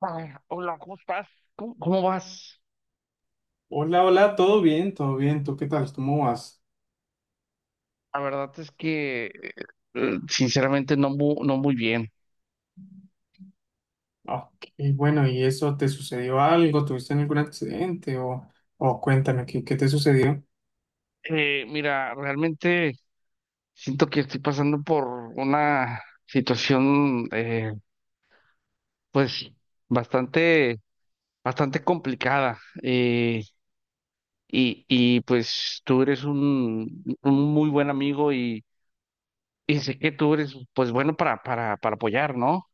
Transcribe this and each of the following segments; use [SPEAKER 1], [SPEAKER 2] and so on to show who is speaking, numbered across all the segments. [SPEAKER 1] Ay, hola, ¿cómo estás? ¿Cómo vas?
[SPEAKER 2] Hola, hola, todo bien, todo bien. ¿Tú qué tal? ¿Cómo vas?
[SPEAKER 1] La verdad es que, sinceramente, no, no muy bien.
[SPEAKER 2] Ok, bueno, ¿y eso te sucedió algo? ¿Tuviste algún accidente? O cuéntame, ¿qué te sucedió?
[SPEAKER 1] Mira, realmente siento que estoy pasando por una situación, pues, bastante, bastante complicada. Pues, tú eres un muy buen amigo y sé que tú eres, pues, bueno para, para apoyar, ¿no?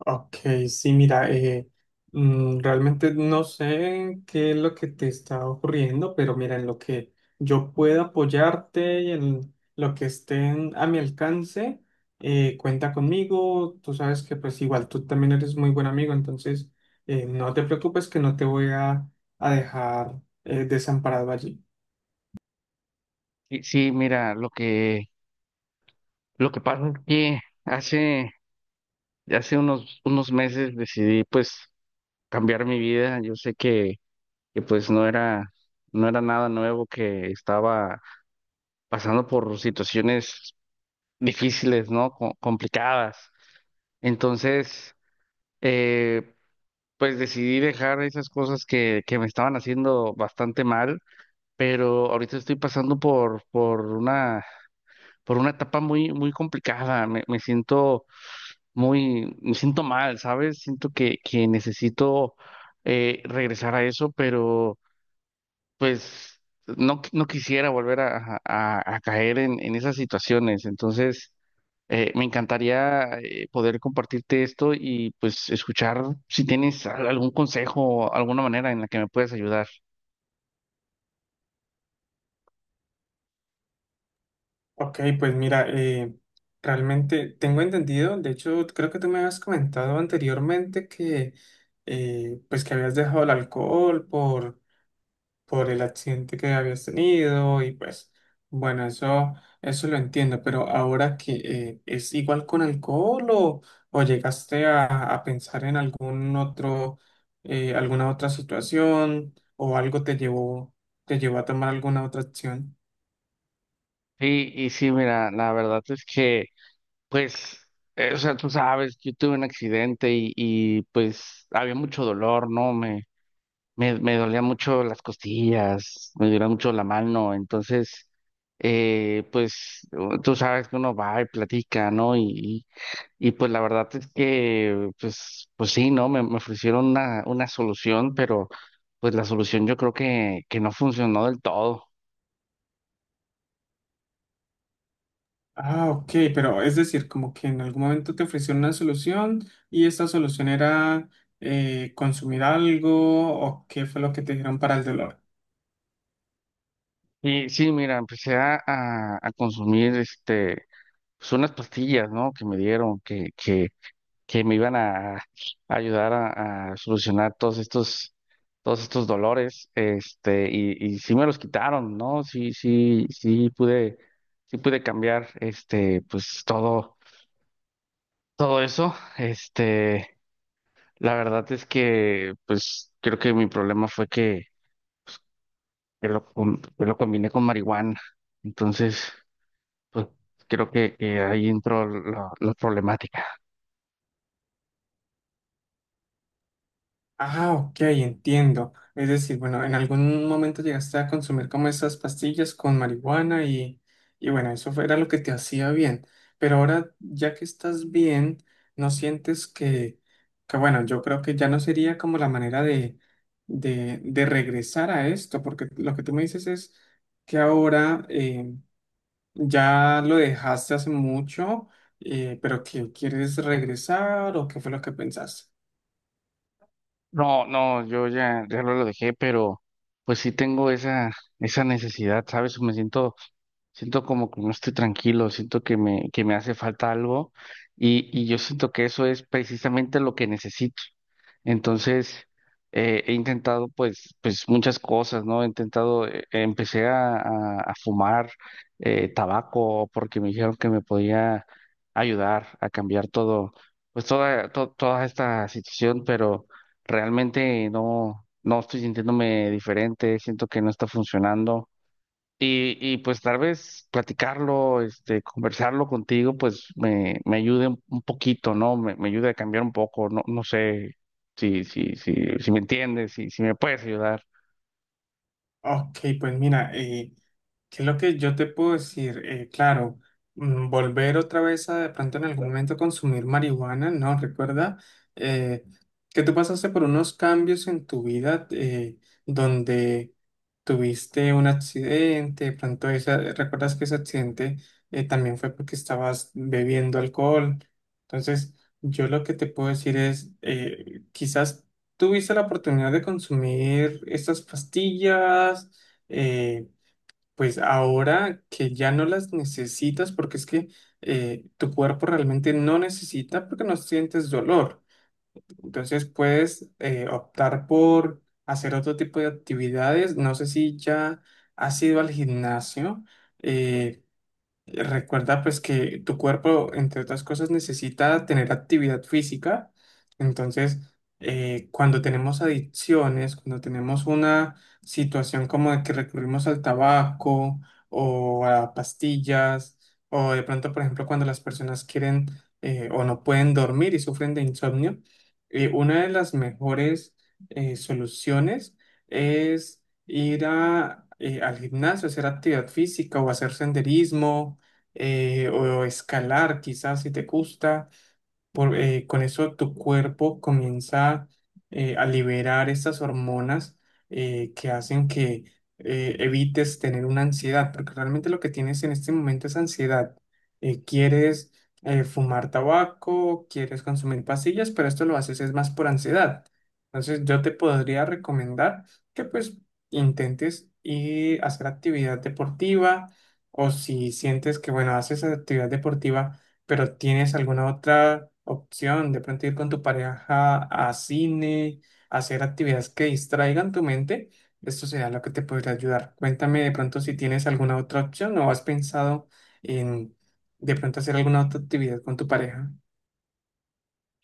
[SPEAKER 2] Ok, sí, mira, realmente no sé qué es lo que te está ocurriendo, pero mira, en lo que yo pueda apoyarte y en lo que a mi alcance, cuenta conmigo. Tú sabes que pues igual tú también eres muy buen amigo, entonces no te preocupes que no te voy a dejar desamparado allí.
[SPEAKER 1] Sí, sí, mira, lo que pasa es que hace... Ya hace unos meses decidí pues cambiar mi vida. Yo sé que, pues no era nada nuevo, que estaba pasando por situaciones difíciles, ¿no? Complicadas. Entonces, eh, pues decidí dejar esas cosas que me estaban haciendo bastante mal, pero ahorita estoy pasando por una etapa muy, muy complicada. Me siento muy, me siento mal, ¿sabes? Siento que necesito regresar a eso, pero pues no, no quisiera volver a, a caer en esas situaciones. Entonces, me encantaría poder compartirte esto y pues escuchar si tienes algún consejo, alguna manera en la que me puedas ayudar.
[SPEAKER 2] Ok, pues mira, realmente tengo entendido, de hecho creo que tú me habías comentado anteriormente que pues que habías dejado el alcohol por el accidente que habías tenido y pues bueno, eso lo entiendo, pero ahora que es igual con alcohol o llegaste a pensar en algún otro, alguna otra situación o algo te te llevó a tomar alguna otra acción.
[SPEAKER 1] Sí, y sí, mira, la verdad es que pues... O sea, tú sabes, yo tuve un accidente y pues había mucho dolor, ¿no? Me dolía mucho las costillas, me dolía mucho la mano, entonces, pues tú sabes que uno va y platica, ¿no? Y, y, pues la verdad es que, pues, pues sí, ¿no? Me ofrecieron una solución, pero pues la solución yo creo que no funcionó del todo.
[SPEAKER 2] Ah, ok, pero es decir, como que en algún momento te ofrecieron una solución y esa solución era consumir algo o qué fue lo que te dijeron para el dolor.
[SPEAKER 1] Y sí, mira, empecé a, a consumir, este, pues unas pastillas, ¿no? Que me dieron, que me iban a ayudar a solucionar todos estos dolores, este, y sí me los quitaron, ¿no? Sí, sí pude cambiar, este, pues todo, todo eso, este, la verdad es que, pues, creo que mi problema fue que, que lo combiné con marihuana, entonces, pues, creo que ahí entró la problemática.
[SPEAKER 2] Ah, ok, entiendo. Es decir, bueno, en algún momento llegaste a consumir como esas pastillas con marihuana y bueno, era lo que te hacía bien. Pero ahora, ya que estás bien, ¿no sientes que bueno, yo creo que ya no sería como la manera de regresar a esto? Porque lo que tú me dices es que ahora ya lo dejaste hace mucho, pero que quieres regresar o qué fue lo que pensaste.
[SPEAKER 1] No, no, yo ya, ya no lo dejé, pero pues sí tengo esa, esa necesidad, ¿sabes? Me siento. Siento como que no estoy tranquilo, siento que me hace falta algo y yo siento que eso es precisamente lo que necesito. Entonces, he intentado pues, pues muchas cosas, ¿no? He intentado, empecé a, a fumar tabaco porque me dijeron que me podía ayudar a cambiar todo, pues toda, toda esta situación, pero realmente no, no estoy sintiéndome diferente, siento que no está funcionando. Y pues tal vez platicarlo, este, conversarlo contigo, pues me ayude un poquito, ¿no? Me ayude a cambiar un poco, no, no sé si, si me entiendes, si, si me puedes ayudar.
[SPEAKER 2] Ok, pues mira, ¿qué es lo que yo te puedo decir? Claro, volver otra vez a de pronto en algún momento consumir marihuana, ¿no? Recuerda eh, que tú pasaste por unos cambios en tu vida donde tuviste un accidente, recuerdas que ese accidente también fue porque estabas bebiendo alcohol. Entonces, yo lo que te puedo decir es, quizás tuviste la oportunidad de consumir estas pastillas. eh, pues ahora que ya no las necesitas, porque es que tu cuerpo realmente no necesita porque no sientes dolor. Entonces puedes optar por hacer otro tipo de actividades. No sé si ya has ido al gimnasio, eh, recuerda pues que tu cuerpo, entre otras cosas, necesita tener actividad física. Entonces, cuando tenemos adicciones, cuando tenemos una situación como de que recurrimos al tabaco o a pastillas, o de pronto, por ejemplo, cuando las personas quieren o no pueden dormir y sufren de insomnio, una de las mejores soluciones es ir a, al gimnasio, hacer actividad física o hacer senderismo o escalar quizás si te gusta. Con eso tu cuerpo comienza a liberar estas hormonas que hacen que evites tener una ansiedad, porque realmente lo que tienes en este momento es ansiedad. Quieres fumar tabaco, quieres consumir pastillas, pero esto lo haces es más por ansiedad. Entonces yo te podría recomendar que pues intentes ir a hacer actividad deportiva o si sientes que bueno, haces actividad deportiva pero ¿tienes alguna otra opción? De pronto ir con tu pareja a cine, hacer actividades que distraigan tu mente. Esto será lo que te podría ayudar. Cuéntame de pronto si tienes alguna otra opción o has pensado en de pronto hacer alguna otra actividad con tu pareja.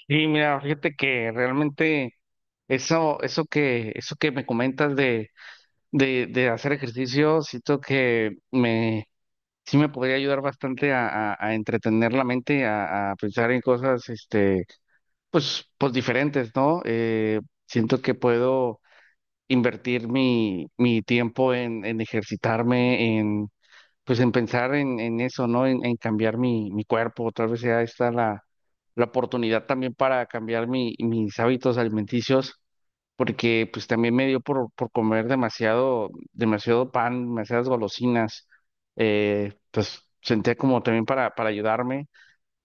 [SPEAKER 1] Y mira, fíjate que realmente eso, eso que me comentas de, de hacer ejercicio, siento que me, sí me podría ayudar bastante a, a entretener la mente, a pensar en cosas, este. Pues, pues diferentes, ¿no? Siento que puedo invertir mi, mi tiempo en ejercitarme, en, pues en pensar en eso, ¿no? En cambiar mi, mi cuerpo. Tal vez sea esta la, la oportunidad también para cambiar mi, mis hábitos alimenticios, porque pues también me dio por comer demasiado, demasiado pan, demasiadas golosinas. Pues sentía como también para ayudarme.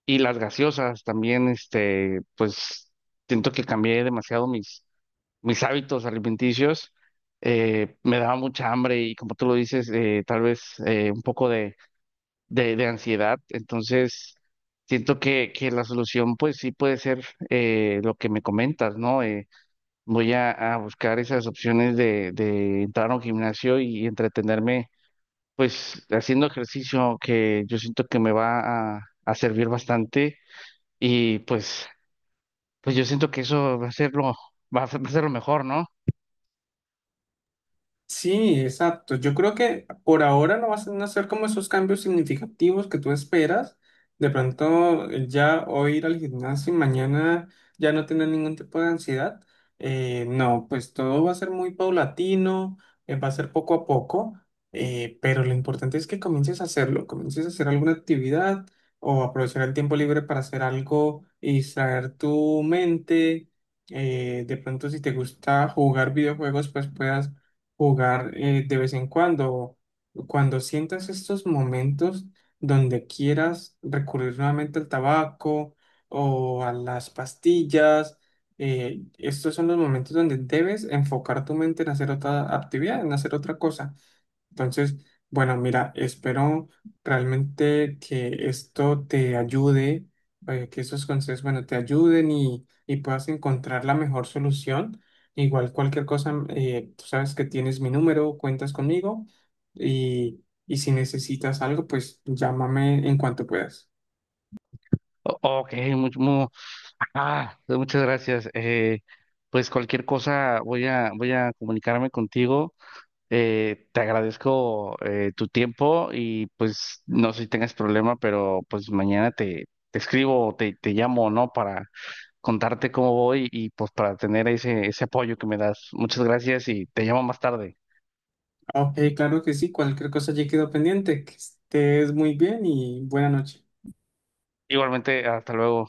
[SPEAKER 1] Y las gaseosas también, este, pues siento que cambié demasiado mis, mis hábitos alimenticios. Me daba mucha hambre y como tú lo dices, tal vez un poco de, de ansiedad. Entonces, siento que la solución pues sí puede ser lo que me comentas, ¿no? Voy a buscar esas opciones de entrar a un gimnasio y entretenerme pues haciendo ejercicio que yo siento que me va a servir bastante y pues, pues yo siento que eso va a ser lo, va a ser lo mejor, ¿no?
[SPEAKER 2] Sí, exacto. Yo creo que por ahora no vas a hacer como esos cambios significativos que tú esperas. De pronto, ya hoy ir al gimnasio y mañana ya no tener ningún tipo de ansiedad. No, pues todo va a ser muy paulatino, va a ser poco a poco, pero lo importante es que comiences a hacerlo, comiences a hacer alguna actividad o aprovechar el tiempo libre para hacer algo y distraer tu mente. De pronto, si te gusta jugar videojuegos, pues puedas jugar de vez en cuando, cuando sientas estos momentos donde quieras recurrir nuevamente al tabaco o a las pastillas, estos son los momentos donde debes enfocar tu mente en hacer otra actividad, en hacer otra cosa. Entonces, bueno, mira, espero realmente que esto te ayude, que estos consejos, bueno, te ayuden y puedas encontrar la mejor solución. Igual cualquier cosa, tú sabes que tienes mi número, cuentas conmigo y si necesitas algo, pues llámame en cuanto puedas.
[SPEAKER 1] Ok, mucho, ah, pues muchas gracias. Pues cualquier cosa voy a, voy a comunicarme contigo. Te agradezco tu tiempo y pues no sé si tengas problema, pero pues mañana te, te escribo o te llamo, ¿no? Para contarte cómo voy y pues para tener ese, ese apoyo que me das. Muchas gracias y te llamo más tarde.
[SPEAKER 2] Ok, claro que sí, cualquier cosa ya quedo pendiente. Que estés muy bien y buena noche.
[SPEAKER 1] Igualmente, hasta luego.